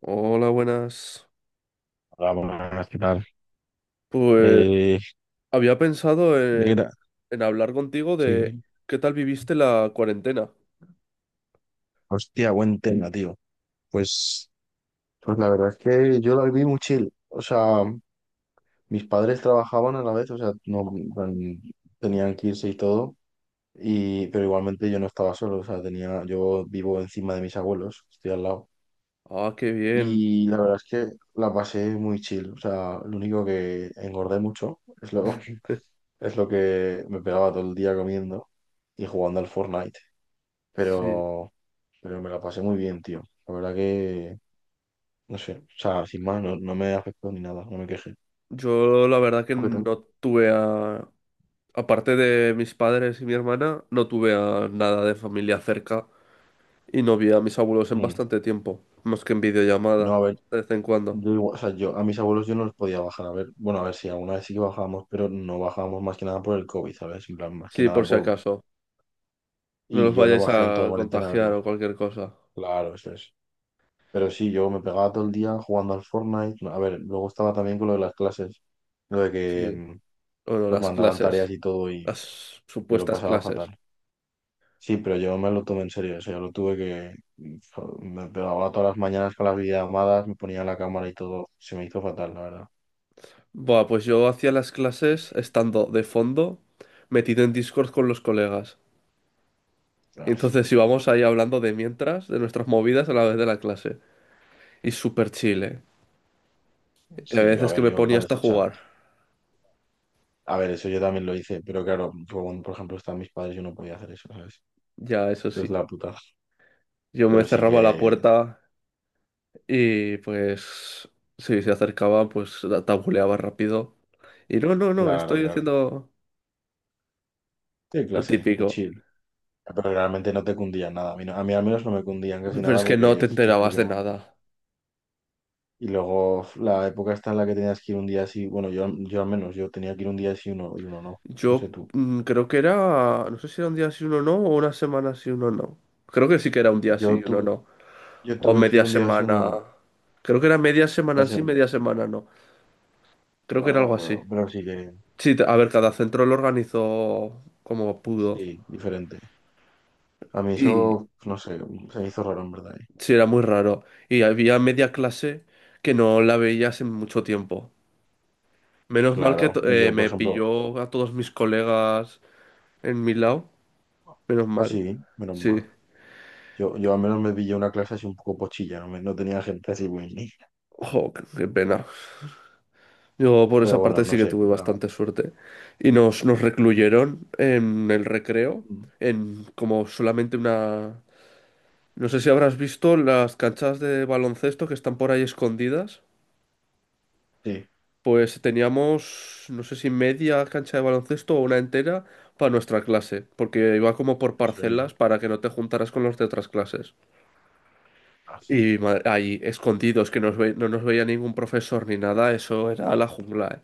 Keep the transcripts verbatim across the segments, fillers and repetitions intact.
Hola, buenas. Hola, buenas, ¿qué tal? Pues Eh, había pensado en, negra, en hablar contigo de sí, qué tal viviste la cuarentena. hostia, buen tema, tío. Pues, pues la verdad es que yo la viví muy chill. O sea, mis padres trabajaban a la vez, o sea, no en- tenían que irse y todo, y, pero igualmente yo no estaba solo, o sea, tenía, yo vivo encima de mis abuelos, estoy al lado. Ah, qué bien. Y la verdad es que la pasé muy chill, o sea, lo único que engordé mucho es lo, es lo que me pegaba todo el día comiendo y jugando al Fortnite. Sí. pero, pero me la pasé muy bien, tío. La verdad que, no sé, o sea, sin más, no, no me afectó ni nada, no me quejé. Yo la verdad que ¿Tú qué tal? no tuve a... Aparte de mis padres y mi hermana, no tuve a nada de familia cerca y no vi a mis abuelos en Mm, bastante tiempo, más que en No, videollamada, a ver, de vez en cuando. yo igual- o sea, yo a mis abuelos yo no los podía bajar, a ver, bueno, a ver si alguna vez sí que bajábamos, pero no bajábamos más que nada por el COVID, ¿sabes? En plan, más que Sí, nada por si por... acaso. No Y los yo no vayáis bajé en toda a cuarentena a contagiar o verlos. cualquier cosa. Claro, eso es. Pero sí, yo me pegaba todo el día jugando al Fortnite. No, a ver, luego estaba también con lo de las clases, lo de que Sí. mm, Bueno, nos las mandaban tareas clases, y todo y las yo lo supuestas pasaba clases. fatal. Sí, pero yo me lo tomé en serio, o sea, yo lo tuve que... Me pegaba todas las mañanas con las videollamadas, me ponía la cámara y todo, se me hizo fatal, la verdad. Buah, pues yo hacía las clases estando de fondo, metido en Discord con los colegas. Y Ostras. entonces íbamos ahí hablando de mientras, de nuestras movidas a la vez de la clase. Y súper chile. Y a Sí, yo, a veces que ver, me yo ponía hasta parecía, o sea, jugar. a ver, eso yo también lo hice, pero claro, yo, cuando, por ejemplo, estaban mis padres, yo no podía hacer eso, ¿sabes? Ya, eso Esto es sí. la puta. Yo me Pero sí que, cerraba la puerta y pues si se acercaba, pues la tabuleaba rápido. Y no, no, no, claro, estoy claro. haciendo Sí, lo clase, qué típico. chill. Pero realmente no te cundían nada, a mí, no- a mí al menos no me cundían casi Pero nada es que no porque te se enterabas de explicaban. nada. Y luego la época está en la que tenías que ir un día así, bueno, yo, yo al menos, yo tenía que ir un día así uno y uno no, no sé Yo tú. mm, creo que era, no sé si era un día sí, uno no, o una semana sí, uno no. Creo que sí que era un día sí, Yo uno tuve, no. yo O tuve que ir media un día así uno semana. no. Creo que era media Ya semana sé, sí, media semana no. Creo que bueno, era no me algo así. acuerdo, pero sí que, Sí, a ver, cada centro lo organizó como pudo. sí, diferente. A mí eso, Y no sé, se me hizo raro en verdad, ¿eh? sí, era muy raro. Y había media clase que no la veía hace mucho tiempo. Menos mal que Claro, to- y eh, yo, por me ejemplo, pilló a todos mis colegas en mi lado. Menos mal. así, menos Sí. mal. Yo, yo al menos me pillé una clase así un poco pochilla, no, me- no tenía gente así muy... Ojo, qué qué pena. Yo por Pero esa bueno, parte sí no que sé, tuve la- bastante suerte. Y nos, nos recluyeron en el recreo, en como solamente una. No sé si habrás visto las canchas de baloncesto que están por ahí escondidas. sí, en Pues teníamos, no sé si media cancha de baloncesto o una entera para nuestra clase, porque iba como por serio, parcelas para que no te juntaras con los de otras clases. esa Y ma- ahí escondidos, que nos ve- no nos veía ningún profesor ni nada, eso era la jungla, ¿eh?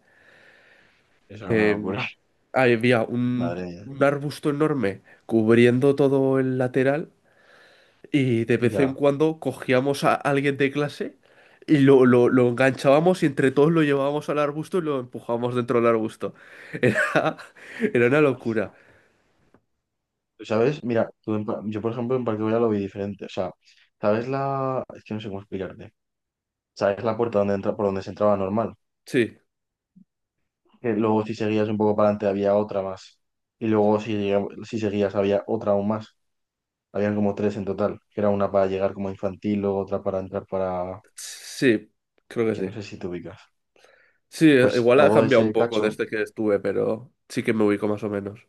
es una eh, locura, había madre un, mía. un arbusto enorme cubriendo todo el lateral y de vez en Ya. cuando cogíamos a alguien de clase y lo, lo, lo enganchábamos y entre todos lo llevábamos al arbusto y lo empujábamos dentro del arbusto. Era, era una locura. ¿Sabes? Mira, tú en Pa- yo por ejemplo en Parque Güell lo vi diferente. O sea, ¿sabes la...? Es que no sé cómo explicarte. ¿Sabes la puerta donde entra, por donde se entraba normal? Sí, Que luego si seguías un poco para adelante había otra más. Y luego si, llega- si seguías había otra aún más. Habían como tres en total. Que era una para llegar como infantil, luego otra para entrar para... sí, creo que Que no sí. sé si te ubicas. Sí, eh, Pues igual ha todo cambiado un ese poco cacho. desde que estuve, pero sí que me ubico más o menos.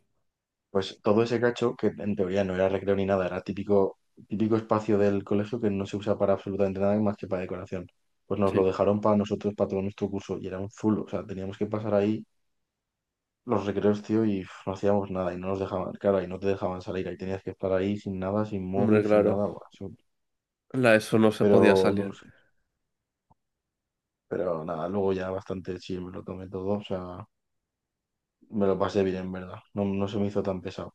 Pues todo ese cacho, que en teoría no era recreo ni nada, era típico, típico espacio del colegio que no se usa para absolutamente nada más que para decoración. Pues nos lo Sí, dejaron para nosotros, para todo nuestro curso, y era un zulo. O sea, teníamos que pasar ahí los recreos, tío, y uf, no hacíamos nada, y no nos dejaban, claro, y no te dejaban salir, ahí tenías que estar ahí sin nada, sin hombre, móvil, sin claro. nada, buah, eso- La ESO no se podía pero no salir. sé. Pero nada, luego ya bastante sí, me lo tomé todo, o sea, me lo pasé bien, en verdad. No, no se me hizo tan pesado.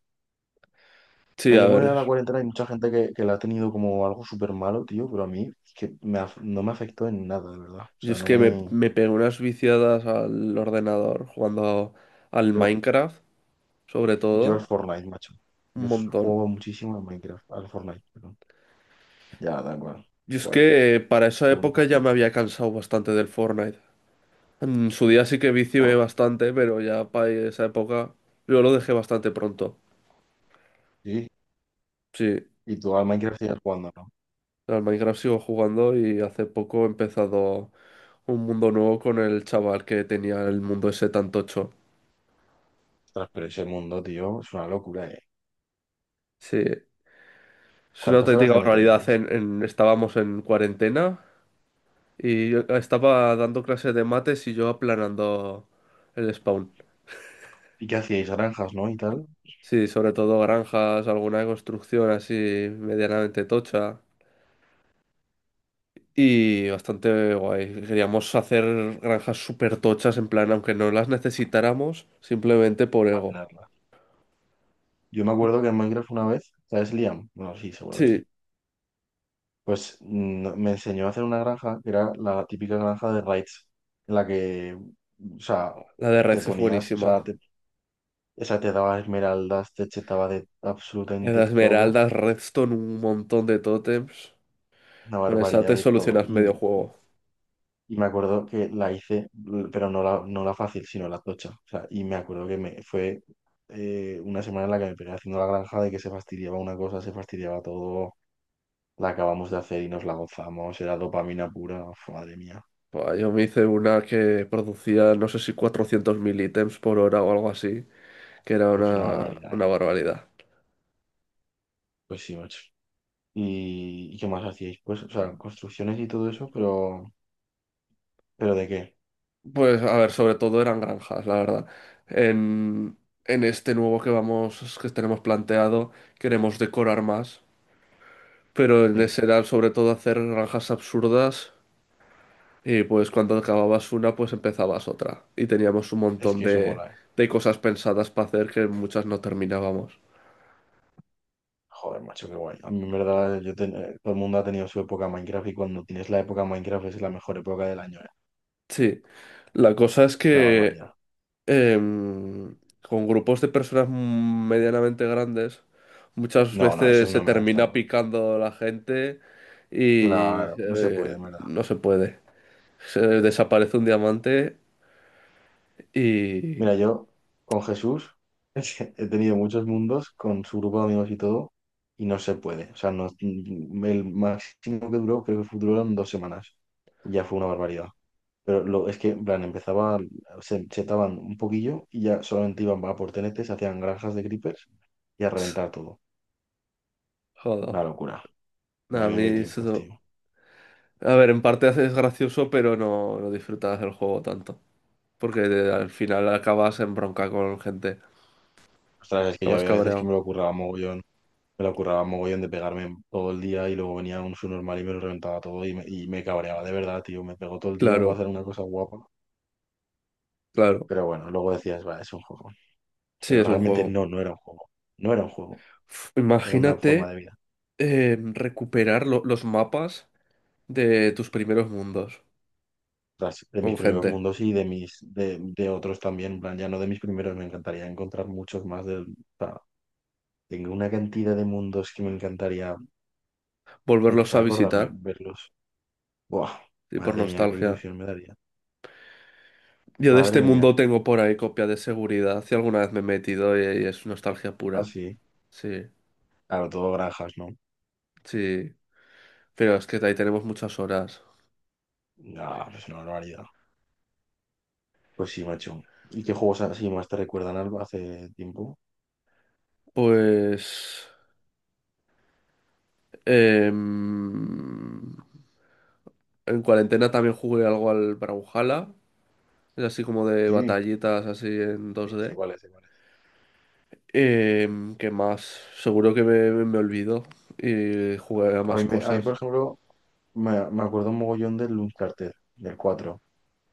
Sí, Sea, a yo me voy a la ver. cuarentena, y hay mucha gente que, que la ha tenido como algo súper malo, tío, pero a mí es que me af- no me afectó en nada, de verdad. O Yo sea, es no que me, me... me pegué unas viciadas al ordenador jugando al Yo, Minecraft, sobre yo al todo, Fortnite, macho. un Yo s- montón. juego muchísimo en Minecraft, al Fortnite, perdón. Ya, da igual. Yo es Joder, que eh, para esa lo época único ya bueno. me había cansado bastante del Fortnite. En su día sí que vicié Joder, bastante, pero ya para esa época yo lo dejé bastante pronto. sí. Sí, Y tú al Minecraft sigues jugando, ¿no? al Minecraft sigo jugando y hace poco he empezado un mundo nuevo con el chaval que tenía el mundo ese tan tocho. Ostras, pero ese mundo, tío, es una locura, ¿eh? Sí, es una ¿Cuántas horas auténtica le barbaridad. meteríais? En, en- estábamos en cuarentena. Y yo estaba dando clases de mates y yo aplanando el spawn. ¿Y qué hacíais? Granjas, ¿no? Y tal. Sí, sobre todo granjas, alguna construcción así medianamente tocha. Y bastante guay. Queríamos hacer granjas súper tochas, en plan, aunque no las necesitáramos, simplemente por Para ego. tenerlas. Yo me acuerdo que en Minecraft una vez, ¿sabes Liam? Bueno, sí, seguro que Sí, sí. Pues mm, me enseñó a hacer una granja que era la típica granja de raids, en la que, o sea, la de te Reds es ponías, o sea, buenísima. te, esa te daba esmeraldas, te chetaba de La de absolutamente todo, Esmeraldas, Redstone, un montón de tótems. una Con esa barbaridad te de todo. solucionas Y, medio juego. y me acuerdo que la hice, l- pero no la, no la fácil, sino la tocha. O sea, y me acuerdo que me fue eh, una semana en la que me pegué haciendo la granja de que se fastidiaba una cosa, se fastidiaba todo, la acabamos de hacer y nos la gozamos, era dopamina pura. Uf, madre mía, Buah, yo me hice una que producía, no sé si cuatrocientos mil ítems por hora o algo así. Que era es una una, barbaridad, una ¿eh? barbaridad. Pues sí, macho. ¿Y, y qué más hacíais? Pues, o sea, construcciones y todo eso. Pero, ¿pero de qué? Pues a ver, sobre todo eran granjas, la verdad. En, en este nuevo que vamos, que tenemos planteado, queremos decorar más, pero en Sí, ese era sobre todo hacer granjas absurdas y pues cuando acababas una, pues empezabas otra. Y teníamos un es montón que eso de, mola, ¿eh? de cosas pensadas para hacer que muchas no terminábamos. Joder, macho, qué guay. A mí, en verdad, yo ten- eh, todo el mundo ha tenido su época Minecraft y cuando tienes la época Minecraft es la mejor época del año, ¿eh? Sí, la cosa es Es una que barbaridad. em, con grupos de personas mm, medianamente grandes, muchas No, no, veces eso se no me gusta termina nada. picando la gente y Claro, no se puede, eh, en verdad. no se puede. Se desaparece un diamante y... Mira, yo con Jesús he tenido muchos mundos con su grupo de amigos y todo y no se puede. O sea, no, el máximo que duró creo que duró dos semanas. Ya fue una barbaridad. Pero lo, es que, en plan, empezaba, se setaban un poquillo y ya solamente iban a por tenetes, hacían granjas de creepers y a reventar todo. Joder, Una locura. a Madre mía, mí qué tiempos, eso... tío. A ver, en parte es gracioso, pero no, no disfrutas del juego tanto. Porque de- al final acabas en bronca con gente, Ostras, es que yo acabas había veces que cabreado. me lo curraba mogollón, me lo curraba mogollón de pegarme todo el día y luego venía un subnormal y me lo reventaba todo y me, y me cabreaba de verdad, tío. Me pegó todo el día para Claro, hacer una cosa guapa. claro. Pero bueno, luego decías, va, es un juego. Sí, Pero es un realmente juego. no, no era un juego. No era un juego, Uf, era una forma de imagínate. vida. eh, recuperar lo- los mapas de tus primeros mundos tras- de mis con primeros gente, mundos y de mis de, de otros también, en plan, ya no de mis primeros, me encantaría encontrar muchos más de, o sea, tengo una cantidad de mundos que me encantaría, aunque volverlos a sea acordarme, visitar verlos. Buah, y por madre mía, qué nostalgia. ilusión me daría. Yo de Madre este mía, mundo tengo por ahí copia de seguridad, si alguna vez me he metido y, y es nostalgia pura. así. Sí, Claro, todo granjas, ¿no? sí, pero es que de ahí tenemos muchas horas. Ah, pues una barbaridad. Pues sí, macho. ¿Y qué juegos así más te recuerdan algo hace tiempo? Pues... em, en cuarentena también jugué algo al Brawlhalla, es así como de Sí, batallitas así en dos sí, sé d cuáles, sé cuáles. Em, ¿qué más? Seguro que me, me olvido y jugaré a A mí, más me- A mí, por cosas. ejemplo, me, me acuerdo un mogollón del Uncharted, del cuatro.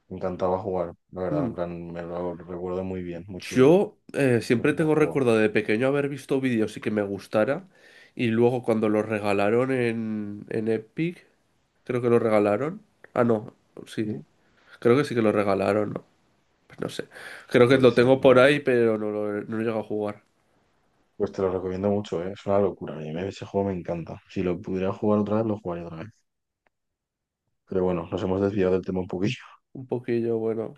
Me encantaba jugar, la verdad, en Mm, plan, me lo recuerdo muy bien, muy chulo. Yo eh, No sé siempre si lo has tengo jugado. recuerdo de pequeño haber visto vídeos y que me gustara. Y luego cuando los regalaron en, en Epic, creo que lo regalaron. Ah, no, sí, ¿Sí? creo que sí que lo regalaron, ¿no? Pues no sé. Creo que Puede lo ser, tengo no me por ahí, acuerdo. pero no lo, he- no he llegado a jugar. Pues te lo recomiendo mucho, ¿eh? Es una locura. A mí me- ese juego me encanta. Si lo pudiera jugar otra vez, lo jugaría otra vez. Pero bueno, nos hemos desviado del tema un poquillo. Un poquillo, bueno.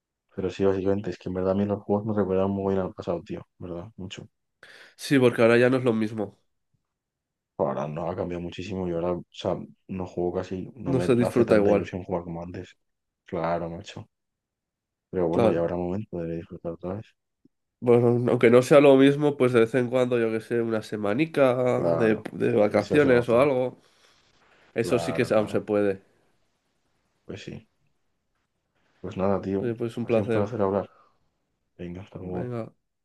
Pero sí, básicamente, es que en verdad a mí los juegos me recuerdan muy bien al pasado, tío. ¿Verdad? Mucho. Sí, porque ahora ya no es lo mismo. Ahora no ha cambiado muchísimo y ahora, o sea, no juego casi, no No me se hace disfruta tanta igual. ilusión jugar como antes. Claro, macho. Pero bueno, ya Claro. habrá momento de disfrutar otra vez. Bueno, aunque no sea lo mismo, pues de vez en cuando, yo que sé, una semanica de, Claro. de Eso se vacaciones o goza. algo. Eso sí que Claro, aún claro. se puede. Pues sí. Pues nada, tío. Oye, pues un Ha sido un placer. placer hablar. Venga, hasta luego. Venga.